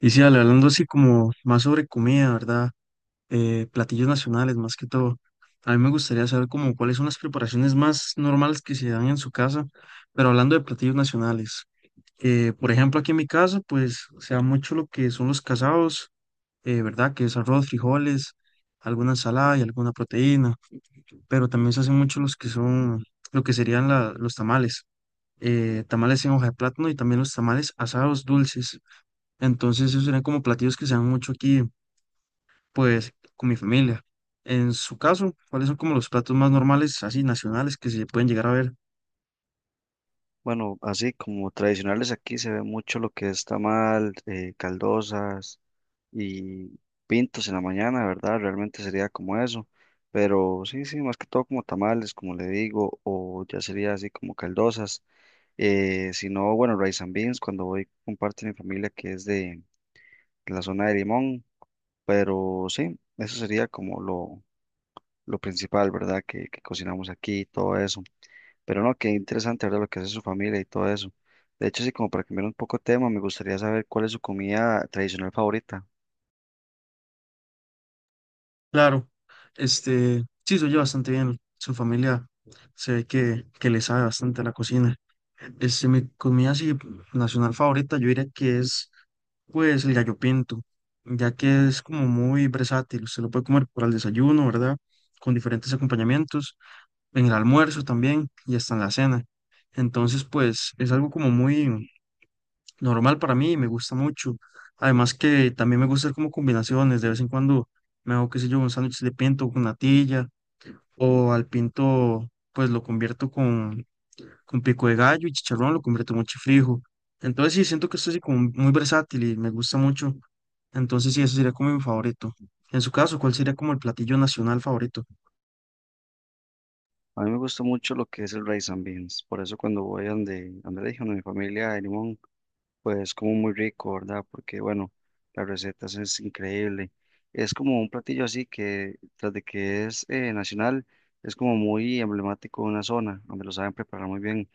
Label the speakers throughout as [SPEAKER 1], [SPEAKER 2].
[SPEAKER 1] Y sí, Ale, hablando así como más sobre comida, ¿verdad? Platillos nacionales más que todo. A mí me gustaría saber como cuáles son las preparaciones más normales que se dan en su casa, pero hablando de platillos nacionales. Por ejemplo, aquí en mi casa, pues se da mucho lo que son los casados, ¿verdad? Que es arroz, frijoles, alguna ensalada y alguna proteína, pero también se hacen mucho los que son, lo que serían los tamales. Tamales en hoja de plátano y también los tamales asados dulces. Entonces, esos serían como platillos que se dan mucho aquí pues con mi familia. En su caso, ¿cuáles son como los platos más normales, así nacionales, que se pueden llegar a ver?
[SPEAKER 2] Bueno, así como tradicionales aquí se ve mucho lo que es tamal, caldosas y pintos en la mañana, ¿verdad? Realmente sería como eso. Pero sí, sí, más que todo como tamales, como le digo, o ya sería así como caldosas. Si no, bueno, rice and beans, cuando voy con parte de mi familia que es de la zona de Limón. Pero sí, eso sería como lo principal, ¿verdad? Que cocinamos aquí y todo eso. Pero no, qué interesante, ¿verdad? Lo que hace su familia y todo eso. De hecho, sí, como para cambiar un poco de tema, me gustaría saber cuál es su comida tradicional favorita.
[SPEAKER 1] Claro, este, sí, se oye bastante bien. Su familia se ve que le sabe bastante a la cocina. Este, mi comida así nacional favorita, yo diría que es pues el gallo pinto, ya que es como muy versátil, se lo puede comer para el desayuno, ¿verdad? Con diferentes acompañamientos, en el almuerzo también y hasta en la cena. Entonces, pues es algo como muy, normal para mí, me gusta mucho. Además que también me gusta hacer como combinaciones, de vez en cuando me hago, qué sé yo, un sándwich de pinto con natilla o al pinto pues lo convierto con pico de gallo y chicharrón, lo convierto en chifrijo. Entonces sí, siento que estoy así como muy versátil y me gusta mucho. Entonces sí, eso sería como mi favorito. En su caso, ¿cuál sería como el platillo nacional favorito?
[SPEAKER 2] A mí me gusta mucho lo que es el rice and beans. Por eso cuando voy a donde le dije, donde mi familia de Limón, pues como muy rico, ¿verdad? Porque bueno, la receta es increíble. Es como un platillo así que, tras de que es nacional, es como muy emblemático de una zona donde lo saben preparar muy bien.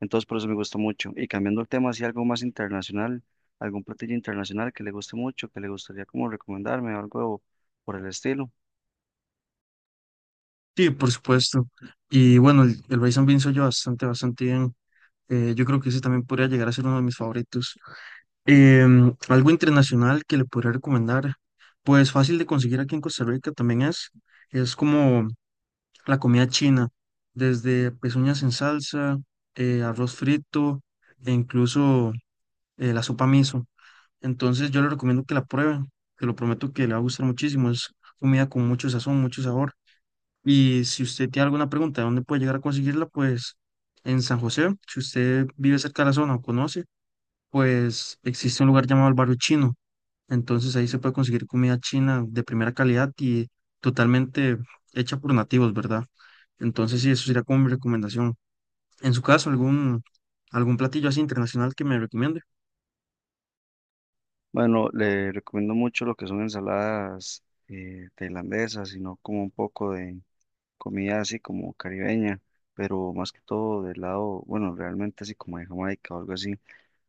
[SPEAKER 2] Entonces por eso me gusta mucho. Y cambiando el tema, así algo más internacional, algún platillo internacional que le guste mucho, que le gustaría como recomendarme, algo por el estilo.
[SPEAKER 1] Sí, por supuesto. Y bueno, el rice and beans soy yo bastante, bastante bien. Yo creo que ese también podría llegar a ser uno de mis favoritos. Algo internacional que le podría recomendar, pues fácil de conseguir aquí en Costa Rica también es como la comida china, desde pezuñas en salsa, arroz frito e incluso la sopa miso. Entonces yo le recomiendo que la prueben, te lo prometo que le va a gustar muchísimo, es comida con mucho sazón, mucho sabor. Y si usted tiene alguna pregunta de dónde puede llegar a conseguirla, pues en San José, si usted vive cerca de la zona o conoce, pues existe un lugar llamado el Barrio Chino, entonces ahí se puede conseguir comida china de primera calidad y totalmente hecha por nativos, ¿verdad? Entonces sí, eso sería como mi recomendación. En su caso, algún, algún platillo así internacional que me recomiende.
[SPEAKER 2] Bueno, le recomiendo mucho lo que son ensaladas tailandesas, sino como un poco de comida así como caribeña, pero más que todo del lado, bueno, realmente así como de Jamaica o algo así,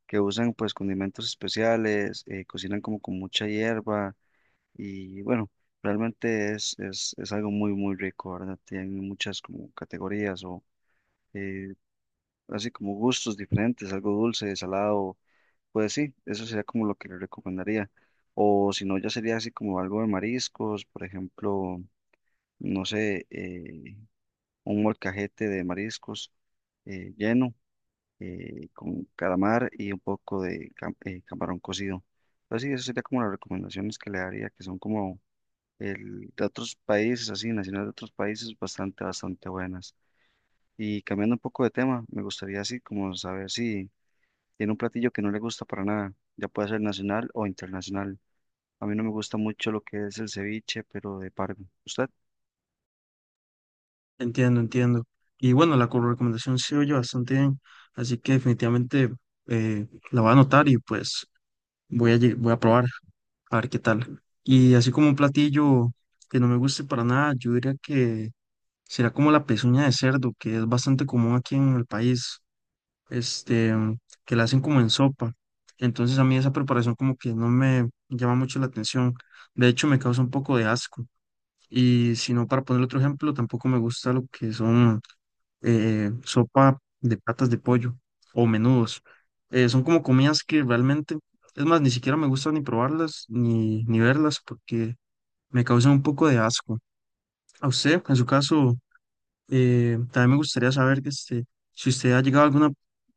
[SPEAKER 2] que usan pues condimentos especiales, cocinan como con mucha hierba y bueno, realmente es algo muy, muy rico, ¿verdad? Tienen muchas como categorías o eh, así como gustos diferentes, algo dulce, salado, pues sí, eso sería como lo que le recomendaría. O si no, ya sería así como algo de mariscos, por ejemplo, no sé, un molcajete de mariscos lleno con calamar y un poco de camarón cocido. Pero sí, eso sería como las recomendaciones que le daría, que son como el de otros países, así, nacionales de otros países, bastante, bastante buenas. Y cambiando un poco de tema, me gustaría así como saber si tiene un platillo que no le gusta para nada, ya puede ser nacional o internacional. A mí no me gusta mucho lo que es el ceviche, pero de pargo. ¿Usted?
[SPEAKER 1] Entiendo, entiendo. Y bueno, la recomendación se oye bastante bien, así que definitivamente eh, la voy a anotar y pues voy a, voy a probar a ver qué tal. Y así como un platillo que no me guste para nada, yo diría que será como la pezuña de cerdo, que es bastante común aquí en el país. Este, que la hacen como en sopa. Entonces a mí esa preparación como que no me llama mucho la atención. De hecho, me causa un poco de asco. Y si no, para poner otro ejemplo, tampoco me gusta lo que son sopa de patas de pollo o menudos. Son como comidas que realmente, es más, ni siquiera me gusta ni probarlas ni, ni verlas porque me causan un poco de asco. A usted, en su caso, también me gustaría saber que este, si usted ha llegado a alguna,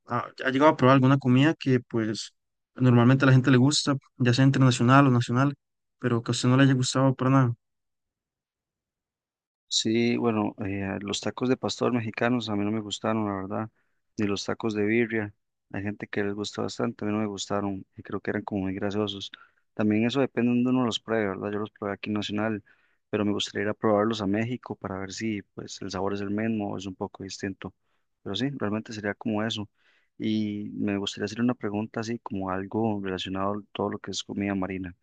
[SPEAKER 1] ha, ha llegado a probar alguna comida que pues normalmente a la gente le gusta, ya sea internacional o nacional, pero que a usted no le haya gustado para nada.
[SPEAKER 2] Sí, bueno, los tacos de pastor mexicanos a mí no me gustaron, la verdad, ni los tacos de birria. Hay gente que les gusta bastante, a mí no me gustaron y creo que eran como muy grasosos. También eso depende de donde uno los pruebe, ¿verdad? Yo los probé aquí en Nacional, pero me gustaría ir a probarlos a México para ver si pues el sabor es el mismo o es un poco distinto. Pero sí, realmente sería como eso. Y me gustaría hacer una pregunta así como algo relacionado a todo lo que es comida marina.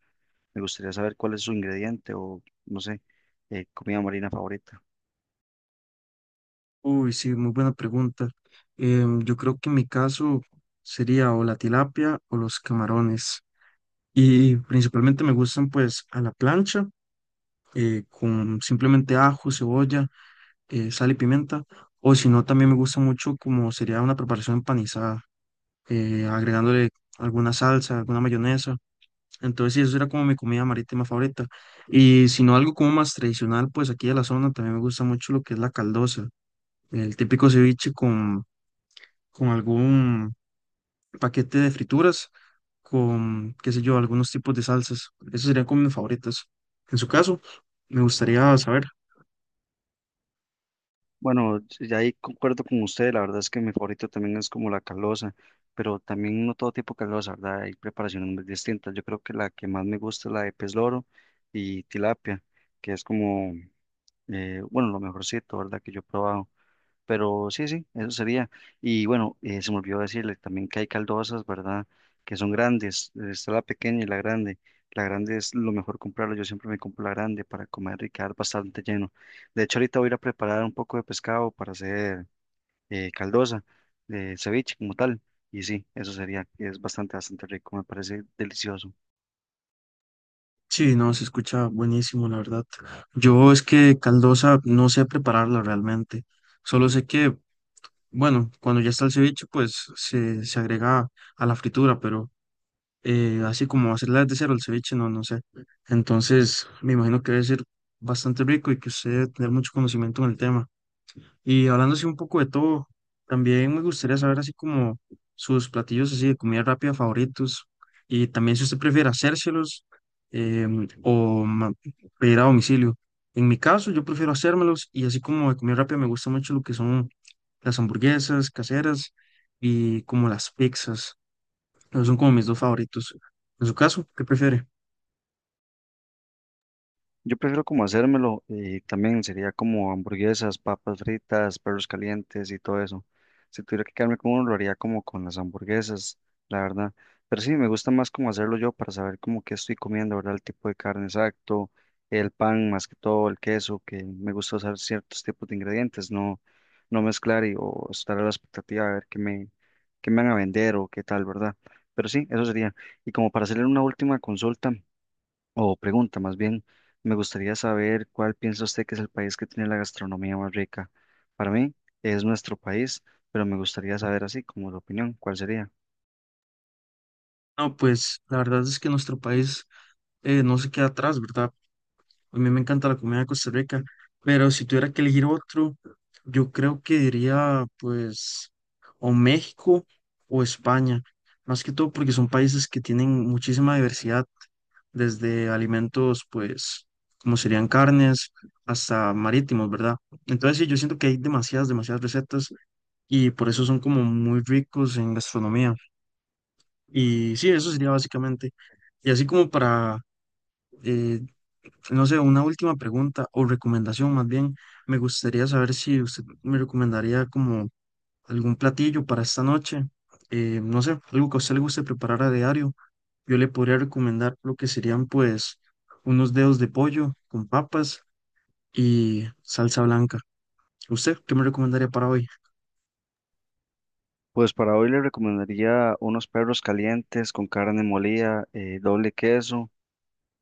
[SPEAKER 2] Me gustaría saber cuál es su ingrediente o no sé, comida marina favorita.
[SPEAKER 1] Uy, sí, muy buena pregunta. Yo creo que en mi caso sería o la tilapia o los camarones. Y principalmente me gustan pues a la plancha, con simplemente ajo, cebolla, sal y pimienta. O si no, también me gusta mucho como sería una preparación empanizada agregándole alguna salsa, alguna mayonesa. Entonces, sí, eso era como mi comida marítima favorita. Y si no, algo como más tradicional, pues aquí de la zona también me gusta mucho lo que es la caldosa, el típico ceviche con algún paquete de frituras, con, qué sé yo, algunos tipos de salsas. Esos serían como mis favoritas. En su caso, me gustaría saber.
[SPEAKER 2] Bueno, sí, ya ahí concuerdo con usted, la verdad es que mi favorito también es como la calosa, pero también no todo tipo de calosa, ¿verdad? Hay preparaciones muy distintas. Yo creo que la que más me gusta es la de pez loro y tilapia, que es como, bueno, lo mejorcito, ¿verdad? Que yo he probado. Pero sí, sí, eso sería. Y bueno, se me olvidó decirle también que hay caldosas, ¿verdad? Que son grandes. Está la pequeña y la grande. La grande es lo mejor comprarla. Yo siempre me compro la grande para comer y quedar bastante lleno. De hecho, ahorita voy a ir a preparar un poco de pescado para hacer caldosa de ceviche como tal. Y sí, eso sería. Es bastante, bastante rico. Me parece delicioso.
[SPEAKER 1] Sí, no, se escucha buenísimo, la verdad. Yo es que caldosa no sé prepararla realmente. Solo sé que bueno, cuando ya está el ceviche, pues se agrega a la fritura, pero así como hacerla desde cero el ceviche, no, no sé. Entonces, me imagino que debe ser bastante rico y que usted debe tener mucho conocimiento en el tema. Y hablando así un poco de todo, también me gustaría saber así como sus platillos así de comida rápida favoritos y también si usted prefiere hacérselos o pedir a domicilio. En mi caso, yo prefiero hacérmelos y así como de comida rápida me gusta mucho lo que son las hamburguesas caseras y como las pizzas. Esos son como mis dos favoritos. En su caso, ¿qué prefiere?
[SPEAKER 2] Yo prefiero como hacérmelo y también sería como hamburguesas, papas fritas, perros calientes y todo eso. Si tuviera que quedarme con uno, lo haría como con las hamburguesas, la verdad. Pero sí, me gusta más como hacerlo yo para saber como qué estoy comiendo, ¿verdad? El tipo de carne exacto, el pan más que todo, el queso, que me gusta usar ciertos tipos de ingredientes, no, no mezclar y, o estar a la expectativa de ver qué me van a vender o qué tal, ¿verdad? Pero sí, eso sería. Y como para hacerle una última consulta o pregunta más bien, me gustaría saber cuál piensa usted que es el país que tiene la gastronomía más rica. Para mí es nuestro país, pero me gustaría saber así como la opinión, ¿cuál sería?
[SPEAKER 1] No, pues la verdad es que nuestro país no se queda atrás, ¿verdad? A mí me encanta la comida de Costa Rica, pero si tuviera que elegir otro, yo creo que diría pues o México o España, más que todo porque son países que tienen muchísima diversidad, desde alimentos pues como serían carnes hasta marítimos, ¿verdad? Entonces sí, yo siento que hay demasiadas, demasiadas recetas y por eso son como muy ricos en gastronomía. Y sí, eso sería básicamente. Y así como para eh, no sé, una última pregunta o recomendación más bien. Me gustaría saber si usted me recomendaría como algún platillo para esta noche. No sé, algo que a usted le guste preparar a diario. Yo le podría recomendar lo que serían pues unos dedos de pollo con papas y salsa blanca. ¿Usted qué me recomendaría para hoy?
[SPEAKER 2] Pues para hoy le recomendaría unos perros calientes con carne molida, doble queso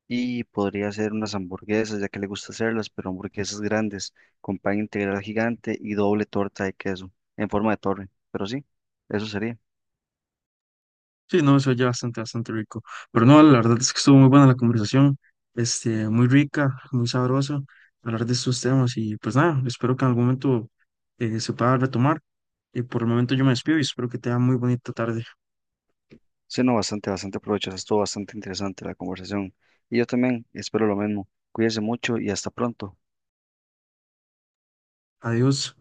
[SPEAKER 2] y podría hacer unas hamburguesas, ya que le gusta hacerlas, pero hamburguesas grandes con pan integral gigante y doble torta de queso en forma de torre. Pero sí, eso sería.
[SPEAKER 1] Sí, no, eso ya bastante, bastante rico. Pero no, la verdad es que estuvo muy buena la conversación, este, muy rica, muy sabrosa, hablar de estos temas y pues nada, espero que en algún momento se pueda retomar. Y por el momento yo me despido y espero que tenga muy bonita tarde.
[SPEAKER 2] Sí, no, bastante, bastante provechoso. Estuvo bastante interesante la conversación. Y yo también espero lo mismo. Cuídense mucho y hasta pronto.
[SPEAKER 1] Adiós.